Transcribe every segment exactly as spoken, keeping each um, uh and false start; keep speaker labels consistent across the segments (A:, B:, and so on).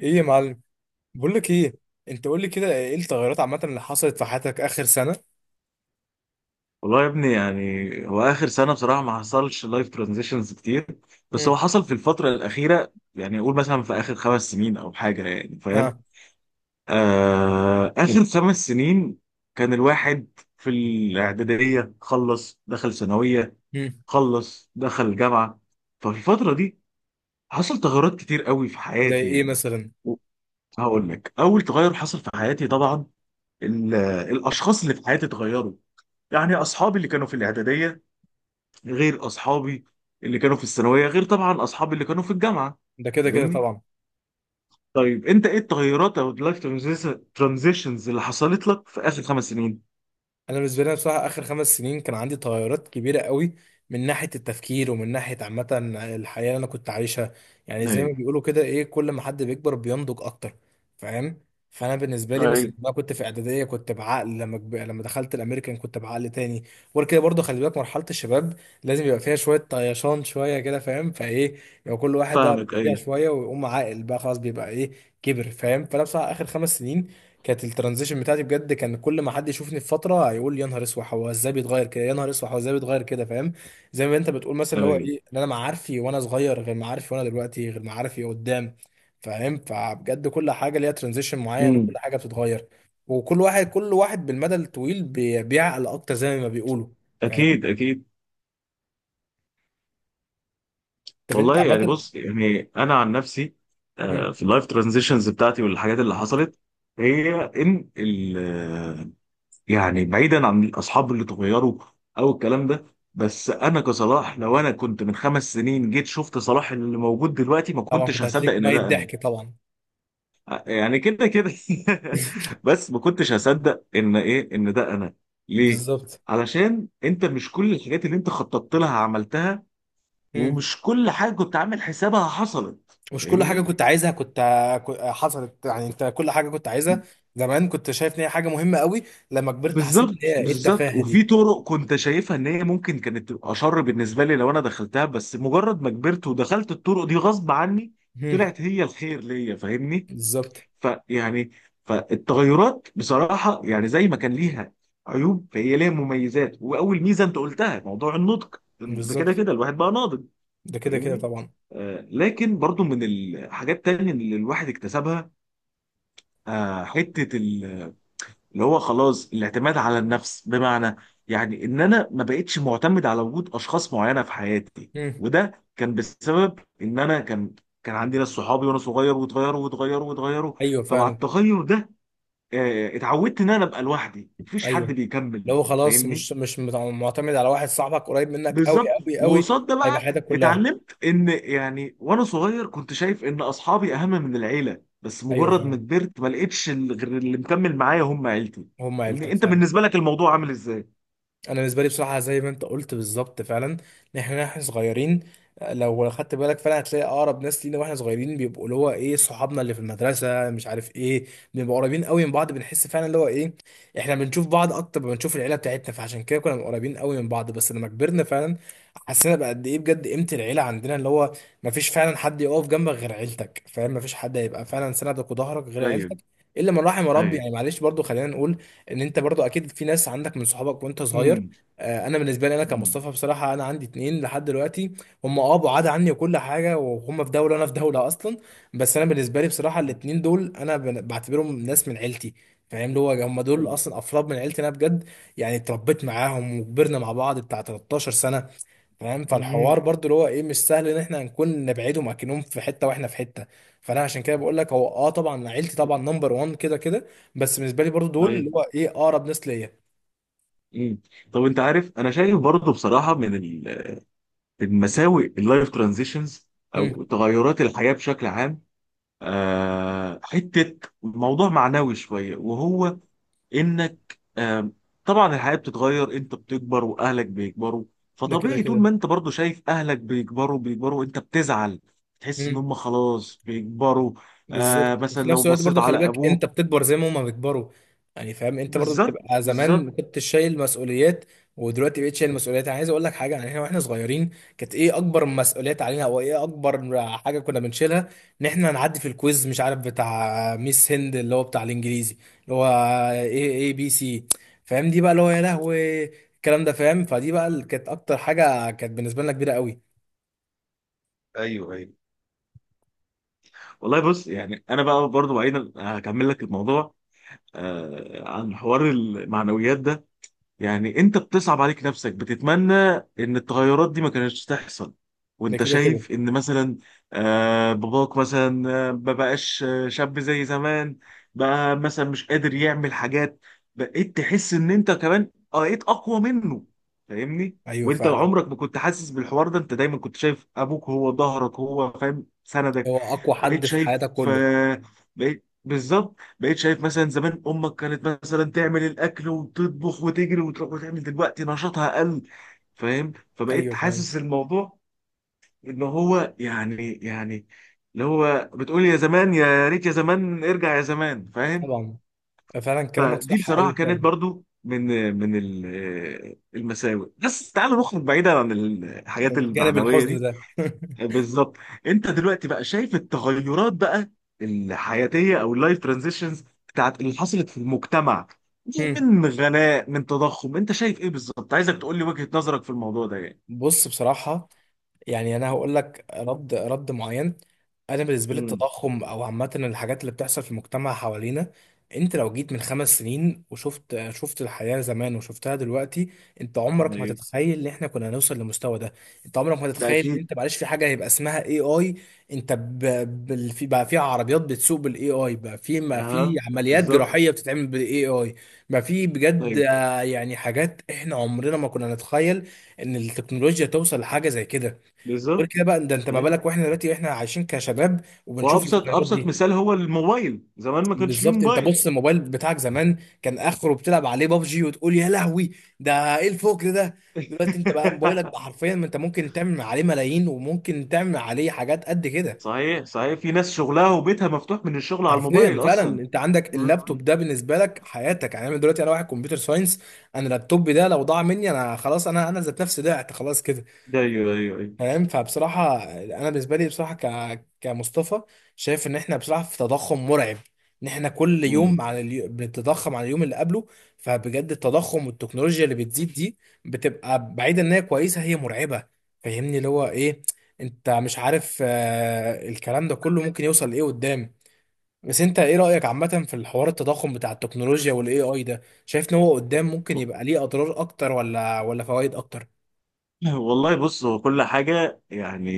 A: ايه يا معلم، بقول لك ايه؟ انت قول لي كده، ايه التغيرات عامه اللي حصلت في حياتك اخر سنه؟
B: والله يا ابني، يعني هو اخر سنه بصراحه ما حصلش لايف ترانزيشنز كتير، بس
A: مم.
B: هو حصل في الفتره الاخيره، يعني اقول مثلا في اخر خمس سنين او حاجه، يعني فاهم.
A: ها؟
B: آه، اخر خمس سنين كان الواحد في الاعداديه، خلص دخل ثانويه،
A: مم.
B: خلص دخل جامعه. ففي الفتره دي حصل تغيرات كتير قوي في
A: زي
B: حياتي
A: ايه
B: يعني.
A: مثلا؟
B: هقول لك اول تغير حصل في حياتي، طبعا ال- الاشخاص اللي في حياتي اتغيروا. يعني اصحابي اللي كانوا في الاعداديه غير اصحابي اللي كانوا في الثانويه، غير طبعا اصحابي اللي كانوا في الجامعه.
A: ده كده كده
B: فاهمني؟
A: طبعا.
B: طيب انت ايه التغيرات او اللايف ترانزيشنز اللي حصلت لك في اخر خمس سنين؟
A: انا بالنسبه لي بصراحه اخر خمس سنين كان عندي تغيرات كبيره قوي من ناحيه التفكير ومن ناحيه عامه الحياه اللي انا كنت عايشها. يعني زي ما
B: ايوه،
A: بيقولوا كده ايه، كل ما حد بيكبر بينضج اكتر. فاهم؟ فانا بالنسبه لي مثلا
B: ايوه.
A: لما كنت في اعداديه كنت بعقل، لما كب... لما دخلت الامريكان كنت بعقل تاني. وغير كده برضه خلي بالك مرحله الشباب لازم يبقى فيها شويه طيشان شويه كده، فاهم فايه؟ يبقى كل واحد بقى
B: فاهمك،
A: فيها
B: ايوه،
A: شويه، ويقوم عاقل بقى خلاص بيبقى ايه، كبر. فاهم؟ فانا بصراحه اخر خمس سنين كانت الترانزيشن بتاعتي بجد. كان كل ما حد يشوفني في فتره هيقول يا نهار اسود هو ازاي بيتغير كده، يا نهار اسود هو ازاي بيتغير كده. فاهم؟ زي ما انت بتقول مثلا اللي هو
B: ايوه.
A: ايه، ان انا معارفي وانا صغير غير معارفي، وانا دلوقتي غير معارفي قدام. فاهم؟ فبجد كل حاجه ليها ترانزيشن معين،
B: امم.
A: وكل حاجه بتتغير. وكل واحد كل واحد بالمدى الطويل بي- بيعقل اكتر زي ما بيقولوا. فاهم؟
B: اكيد، اكيد.
A: طب انت
B: والله يعني
A: عامه؟
B: بص، يعني انا عن نفسي،
A: مم.
B: آه، في اللايف ترانزيشنز بتاعتي والحاجات اللي حصلت هي ان، يعني بعيدا عن الاصحاب اللي اتغيروا او الكلام ده، بس انا كصلاح لو انا كنت من خمس سنين جيت شفت صلاح اللي موجود دلوقتي ما
A: طبعا
B: كنتش
A: كنت
B: هصدق
A: هتليك
B: ان
A: ميت
B: ده انا.
A: ضحك طبعا.
B: يعني كده كده. بس ما كنتش هصدق ان ايه، ان ده انا. ليه؟
A: بالظبط.
B: علشان انت مش كل الحاجات اللي انت خططت لها عملتها، ومش كل حاجه كنت عامل حسابها حصلت،
A: مش كل حاجة
B: فاهمني؟
A: كنت عايزها كنت ك- حصلت، يعني انت كل حاجة كنت عايزها زمان كنت شايف ان هي حاجة مهمة قوي، لما كبرت حسيت ان
B: بالظبط،
A: هي ايه
B: بالظبط.
A: التفاهة
B: وفي
A: دي.
B: طرق كنت شايفها ان هي ممكن كانت تبقى شر بالنسبه لي لو انا دخلتها، بس مجرد ما كبرت ودخلت الطرق دي غصب عني
A: مم.
B: طلعت هي الخير ليا، فاهمني.
A: بالظبط،
B: فيعني، فالتغيرات بصراحه يعني زي ما كان ليها عيوب، فهي ليها مميزات. واول ميزه انت قلتها موضوع النطق، ده كده
A: بالظبط.
B: كده الواحد بقى ناضج،
A: ده كده كده
B: فاهمني.
A: طبعا.
B: آه، لكن برضو من الحاجات التانية اللي الواحد اكتسبها، آه حته اللي هو خلاص الاعتماد على النفس. بمعنى يعني ان انا ما بقتش معتمد على وجود اشخاص معينه في حياتي.
A: مم.
B: وده كان بسبب ان انا كان كان عندي ناس صحابي وانا صغير، واتغيروا واتغيروا واتغيروا.
A: ايوه
B: فمع
A: فعلا.
B: التغير ده آه، اتعودت ان انا ابقى لوحدي، مفيش حد
A: ايوه.
B: بيكمل،
A: لو خلاص
B: فاهمني؟
A: مش مش مت- معتمد على واحد صاحبك قريب منك قوي،
B: بالظبط.
A: قوي قوي،
B: وقصاد ده
A: هيبقى
B: بقى
A: حياتك كلها.
B: اتعلمت ان، يعني وانا صغير كنت شايف ان اصحابي اهم من العيله، بس
A: ايوه
B: مجرد ما
A: فعلا.
B: كبرت ما لقيتش ال- غير اللي مكمل معايا هم عيلتي.
A: هم
B: فاهمني،
A: عيلتك
B: انت
A: فعلا.
B: بالنسبه لك الموضوع عامل ازاي؟
A: انا بالنسبه لي بصراحه زي ما انت قلت بالظبط فعلا، ان احنا احنا صغيرين لو خدت بالك فعلا هتلاقي اقرب ناس لينا واحنا صغيرين بيبقوا اللي هو ايه، صحابنا اللي في المدرسه مش عارف ايه. بنبقى قريبين قوي من بعض، بنحس فعلا اللي هو ايه احنا بنشوف بعض اكتر ما بنشوف العيله بتاعتنا، فعشان كده كنا قريبين قوي من بعض. بس لما كبرنا فعلا حسينا بقى قد ايه بجد قيمه العيله عندنا، اللي هو ما فيش فعلا حد يقف جنبك غير عيلتك. فاهم؟ ما فيش حد هيبقى فعلا سندك وظهرك غير
B: ايوه،
A: عيلتك، الا من رحم ربي
B: ايوه.
A: يعني. معلش برضو خلينا نقول ان انت برضو اكيد في ناس عندك من صحابك وانت صغير.
B: امم،
A: آه، انا بالنسبه لي انا
B: امم.
A: كمصطفى بصراحه انا عندي اتنين لحد دلوقتي. هم اه بعاد عني وكل حاجه، وهم في دوله وانا في دوله اصلا. بس انا بالنسبه لي بصراحه الاتنين دول انا بن- بعتبرهم ناس من عيلتي. فاهم؟ اللي هو هم دول
B: أمم.
A: اصلا افراد من عيلتي انا بجد. يعني اتربيت معاهم وكبرنا مع بعض بتاع تلتاشر سنه. فاهم؟
B: أمم.
A: فالحوار برضو اللي هو ايه مش سهل ان احنا نكون نبعدهم اكنهم في حته واحنا في حته. فانا عشان كده بقول لك هو اه طبعا عيلتي طبعا نمبر واحد كده كده، بس بالنسبه لي برضو دول
B: ايوه.
A: اللي هو ايه اقرب ناس ليا.
B: امم. طب انت عارف، انا شايف برضه بصراحه من ال- المساوئ اللايف ترانزيشنز
A: مم.
B: او تغيرات الحياه بشكل عام آه حته موضوع معنوي شويه، وهو انك آه طبعا الحياه بتتغير، انت بتكبر واهلك بيكبروا.
A: ده كده
B: فطبيعي طول ما
A: كده.
B: انت برضه شايف اهلك بيكبروا بيكبروا انت بتزعل. تحس ان
A: مم.
B: هم خلاص بيكبروا. آه
A: بالظبط.
B: مثلا
A: وفي
B: لو
A: نفس الوقت
B: بصيت
A: برضو خلي
B: على
A: بالك انت
B: ابوك.
A: بتكبر زي ما هما بيكبروا. يعني فاهم، انت برضو
B: بالظبط،
A: بتبقى زمان ما
B: بالظبط.
A: كنتش شايل مسؤوليات، ودلوقتي بقيت شايل مسؤوليات. انا عايز اقول لك حاجه، يعني احنا واحنا صغيرين كانت ايه اكبر مسؤوليات علينا؟ او ايه اكبر حاجه كنا بنشيلها؟ ان احنا نعدي في الكويز مش عارف بتاع ميس هند اللي هو بتاع الانجليزي، اللي هو ايه، اي بي سي. فاهم؟ دي بقى اللي هو يا لهوي الكلام ده. فاهم؟ فدي بقى اللي كانت اكتر حاجه كانت بالنسبه لنا كبيره قوي.
B: ايوه، ايوه. والله بص يعني انا بقى برضو بعيدا هكمل لك الموضوع آه عن حوار المعنويات ده. يعني انت بتصعب عليك نفسك، بتتمنى ان التغيرات دي ما كانتش تحصل،
A: ده
B: وانت
A: كده كده.
B: شايف ان مثلا آه، باباك مثلا آه، ما بقاش آه، شاب زي زمان. بقى مثلا مش قادر يعمل حاجات. بقيت تحس ان انت كمان بقيت اقوى منه، فاهمني.
A: ايوه
B: وانت
A: فعلا.
B: عمرك ما كنت حاسس بالحوار ده، انت دايما كنت شايف ابوك هو ظهرك، هو فاهم سندك.
A: هو اقوى
B: بقيت
A: حد في
B: شايف
A: حياتك كله.
B: آه، بقيت بالظبط، بقيت شايف مثلا زمان امك كانت مثلا تعمل الاكل وتطبخ وتجري وتروح وتعمل، دلوقتي نشاطها قل. فاهم، فبقيت
A: ايوه فعلا.
B: حاسس الموضوع ان هو يعني، يعني اللي هو بتقول يا زمان، يا ريت يا زمان ارجع يا زمان، فاهم.
A: طبعا. فعلا كلامك
B: فدي
A: صح قوي
B: بصراحه كانت
A: فعلا.
B: برضو من من ال- آه، المساوئ. بس تعالوا نخرج بعيدا عن الحاجات
A: يعني الجانب
B: المعنويه
A: الحزن
B: دي.
A: ده
B: بالظبط. انت دلوقتي بقى شايف التغيرات بقى الحياتيه او اللايف ترانزيشنز بتاعت اللي حصلت في المجتمع دي،
A: هم.
B: من غلاء، من تضخم، انت شايف ايه بالظبط؟ عايزك تقول لي وجهه نظرك في الموضوع ده يعني.
A: بص بصراحة، يعني انا هقول لك رد رد معين. انا بالنسبه لي
B: امم.
A: التضخم او عامه الحاجات اللي بتحصل في المجتمع حوالينا، انت لو جيت من خمس سنين وشفت شفت الحياه زمان وشفتها دلوقتي، انت عمرك ما
B: ايوه.
A: تتخيل ان احنا كنا هنوصل للمستوى ده. انت عمرك ما
B: ده
A: تتخيل ان
B: اكيد.
A: انت معلش في حاجه هيبقى اسمها اي اي. انت ب... بال... في بقى في عربيات بتسوق بالاي اي، بقى في، ما في
B: اها.
A: عمليات
B: بالظبط.
A: جراحيه بتتعمل بالاي اي، بقى في بجد
B: ايوه.
A: آه، يعني حاجات احنا عمرنا ما كنا نتخيل ان التكنولوجيا توصل لحاجه زي كده. غير
B: بالظبط.
A: كده بقى ده انت ما
B: ايوه.
A: بالك واحنا دلوقتي احنا عايشين كشباب وبنشوف
B: وابسط
A: الفيديوهات
B: ابسط
A: دي.
B: مثال هو الموبايل، زمان ما كانش فيه
A: بالظبط. انت
B: موبايل.
A: بص، الموبايل بتاعك زمان كان اخره بتلعب عليه بابجي وتقول يا لهوي ده ايه الفكر ده. دلوقتي انت بقى موبايلك بقى حرفيا، ما انت ممكن تعمل عليه ملايين، وممكن تعمل عليه حاجات قد كده.
B: صحيح، صحيح. في ناس شغلها وبيتها مفتوح من الشغل على
A: حرفيا
B: الموبايل
A: فعلا.
B: اصلا.
A: انت عندك
B: امم.
A: اللابتوب ده بالنسبه لك حياتك، يعني انا دلوقتي انا واحد كمبيوتر ساينس، انا اللابتوب ده لو ضاع مني انا خلاص، انا انا ذات نفسي ضعت خلاص كده.
B: ايوه، ايوه،
A: فاهم؟ فبصراحة أنا بالنسبة لي بصراحة ك... كمصطفى شايف إن إحنا بصراحة في تضخم مرعب، إن إحنا كل
B: ايوه.
A: يوم على اليو... بنتضخم على اليوم اللي قبله. فبجد التضخم والتكنولوجيا اللي بتزيد دي بتبقى بعيدة إن هي كويسة، هي مرعبة. فاهمني اللي هو إيه، أنت مش عارف آه... الكلام ده كله ممكن يوصل لإيه قدام. بس أنت إيه رأيك عامة في الحوار التضخم بتاع التكنولوجيا وال إيه آي ده؟ شايف إن هو قدام ممكن يبقى ليه أضرار أكتر ولا ولا فوائد أكتر؟
B: والله بص هو كل حاجة يعني.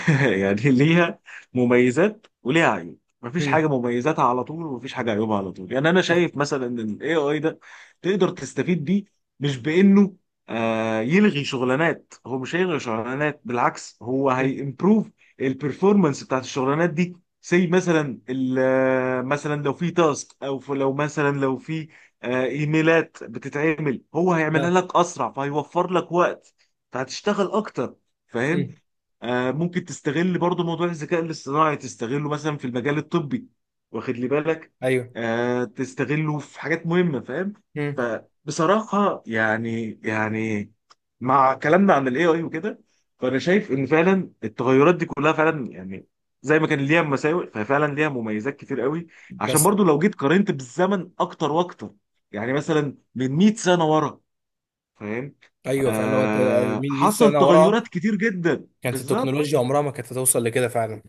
B: يعني ليها مميزات وليها عيوب. مفيش
A: هم.
B: حاجة مميزاتها على طول ومفيش حاجة عيوبها على طول. يعني أنا
A: صح.
B: شايف مثلا إن ال ايه اي ده تقدر تستفيد بيه، مش بإنه آه يلغي شغلانات. هو مش هيلغي شغلانات، بالعكس هو
A: هم.
B: هيمبروف البرفورمانس بتاعت الشغلانات دي. زي مثلا ال- آه، مثلا لو في تاسك، او في- لو مثلا لو في آه، ايميلات بتتعمل، هو هيعملها
A: آه.
B: لك اسرع، فهيوفر لك وقت فهتشتغل اكتر، فاهم.
A: هم.
B: آه، ممكن تستغل برضو موضوع الذكاء الاصطناعي، تستغله مثلا في المجال الطبي، واخد لي بالك.
A: ايوه.
B: آه، تستغله في حاجات مهمة، فاهم.
A: مم.
B: فبصراحة يعني، يعني مع كلامنا عن الاي اي وكده، فانا شايف ان فعلا التغيرات دي كلها فعلا يعني زي ما كان ليها مساوئ ففعلا ليها مميزات كتير قوي. عشان
A: بس
B: برضو لو جيت قارنت بالزمن اكتر واكتر يعني مثلا من مئة سنة ورا، فاهم.
A: ايوه فعلا. لو انت
B: آه
A: مين مئة
B: حصل
A: سنه ورا
B: تغيرات كتير جدا،
A: كانت
B: بالظبط،
A: التكنولوجيا عمرها ما كانت هتوصل لكده فعلا.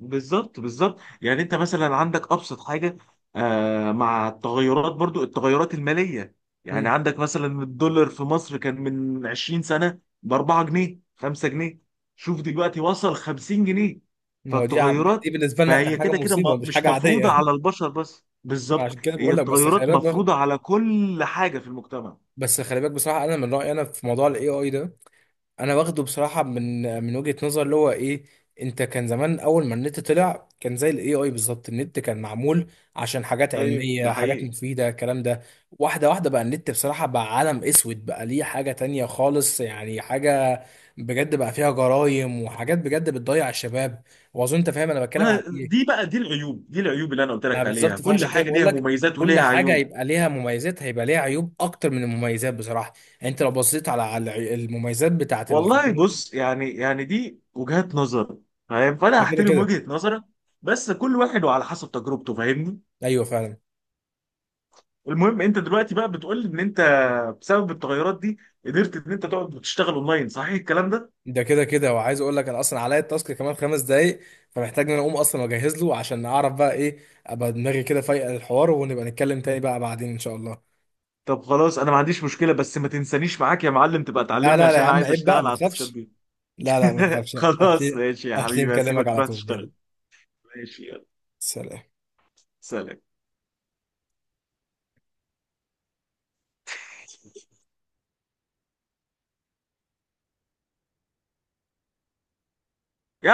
B: بالظبط، بالظبط. يعني انت مثلا عندك ابسط حاجه، آه مع التغيرات برضو، التغيرات الماليه،
A: مم.
B: يعني عندك مثلا الدولار في مصر كان من عشرين سنه ب اربعة جنيه، خمسة جنيه، شوف دلوقتي وصل خمسين جنيه.
A: ما هو دي عم...
B: فالتغيرات،
A: دي بالنسبه لنا احنا
B: فهي
A: حاجه
B: كده كده
A: مصيبه
B: م-
A: ومش
B: مش
A: حاجه
B: مفروضه
A: عاديه
B: على البشر بس، بالظبط
A: عشان كده
B: هي
A: بقول لك بس خلي
B: التغيرات
A: بالك بر...
B: مفروضه على كل حاجه في المجتمع.
A: بس خلي بالك بصراحه انا من رايي انا في موضوع الاي اي ده. انا واخده بصراحه من من وجهه نظر اللي هو ايه، انت كان زمان اول ما النت طلع كان زي الاي اي بالظبط. النت كان معمول عشان حاجات
B: ايوه، ده
A: علميه، حاجات
B: حقيقي.
A: مفيده، الكلام ده. واحده واحده بقى النت بصراحه بقى عالم اسود، بقى ليه حاجه تانية خالص. يعني حاجه بجد بقى فيها جرايم، وحاجات بجد بتضيع الشباب، واظن انت فاهم انا بتكلم
B: ما-
A: على ايه.
B: دي بقى، دي العيوب، دي العيوب اللي انا قلت
A: ما
B: لك عليها.
A: بالظبط،
B: كل
A: فعشان كده
B: حاجه
A: بقول
B: ليها
A: لك
B: مميزات
A: كل
B: وليها
A: حاجه
B: عيوب.
A: هيبقى ليها مميزات، هيبقى ليها عيوب اكتر من المميزات بصراحه. يعني انت لو بصيت على على المميزات بتاعت ال-
B: والله بص يعني، يعني دي وجهات نظر، فاهم. فانا
A: ده كده
B: هحترم
A: كده.
B: وجهة نظرك. بس كل واحد وعلى حسب تجربته، فاهمني.
A: ايوه فعلا.
B: المهم انت دلوقتي بقى بتقول ان انت بسبب التغيرات دي قدرت ان انت تقعد وتشتغل اونلاين، صحيح الكلام ده؟
A: ده كده كده، وعايز اقول لك انا اصلا عليا التاسك كمان خمس دقايق، فمحتاج ان انا اقوم اصلا واجهز له عشان اعرف بقى ايه، ابقى دماغي كده فايقه للحوار ونبقى نتكلم تاني بقى بعدين ان شاء الله.
B: طب خلاص انا ما عنديش مشكلة، بس ما تنسانيش معاك يا معلم، تبقى
A: لا
B: تعلمني
A: لا لا
B: عشان
A: يا
B: انا
A: عم
B: عايز
A: عيب بقى،
B: اشتغل
A: ما
B: على التاسكات
A: تخافش.
B: دي.
A: لا لا ما تخافش،
B: خلاص
A: هتلاقي.
B: ماشي يا
A: هتلاقي
B: حبيبي،
A: مكلمك
B: هسيبك
A: على
B: تروح
A: طول،
B: تشتغل.
A: يلا.
B: ماشي يلا.
A: سلام.
B: سلام.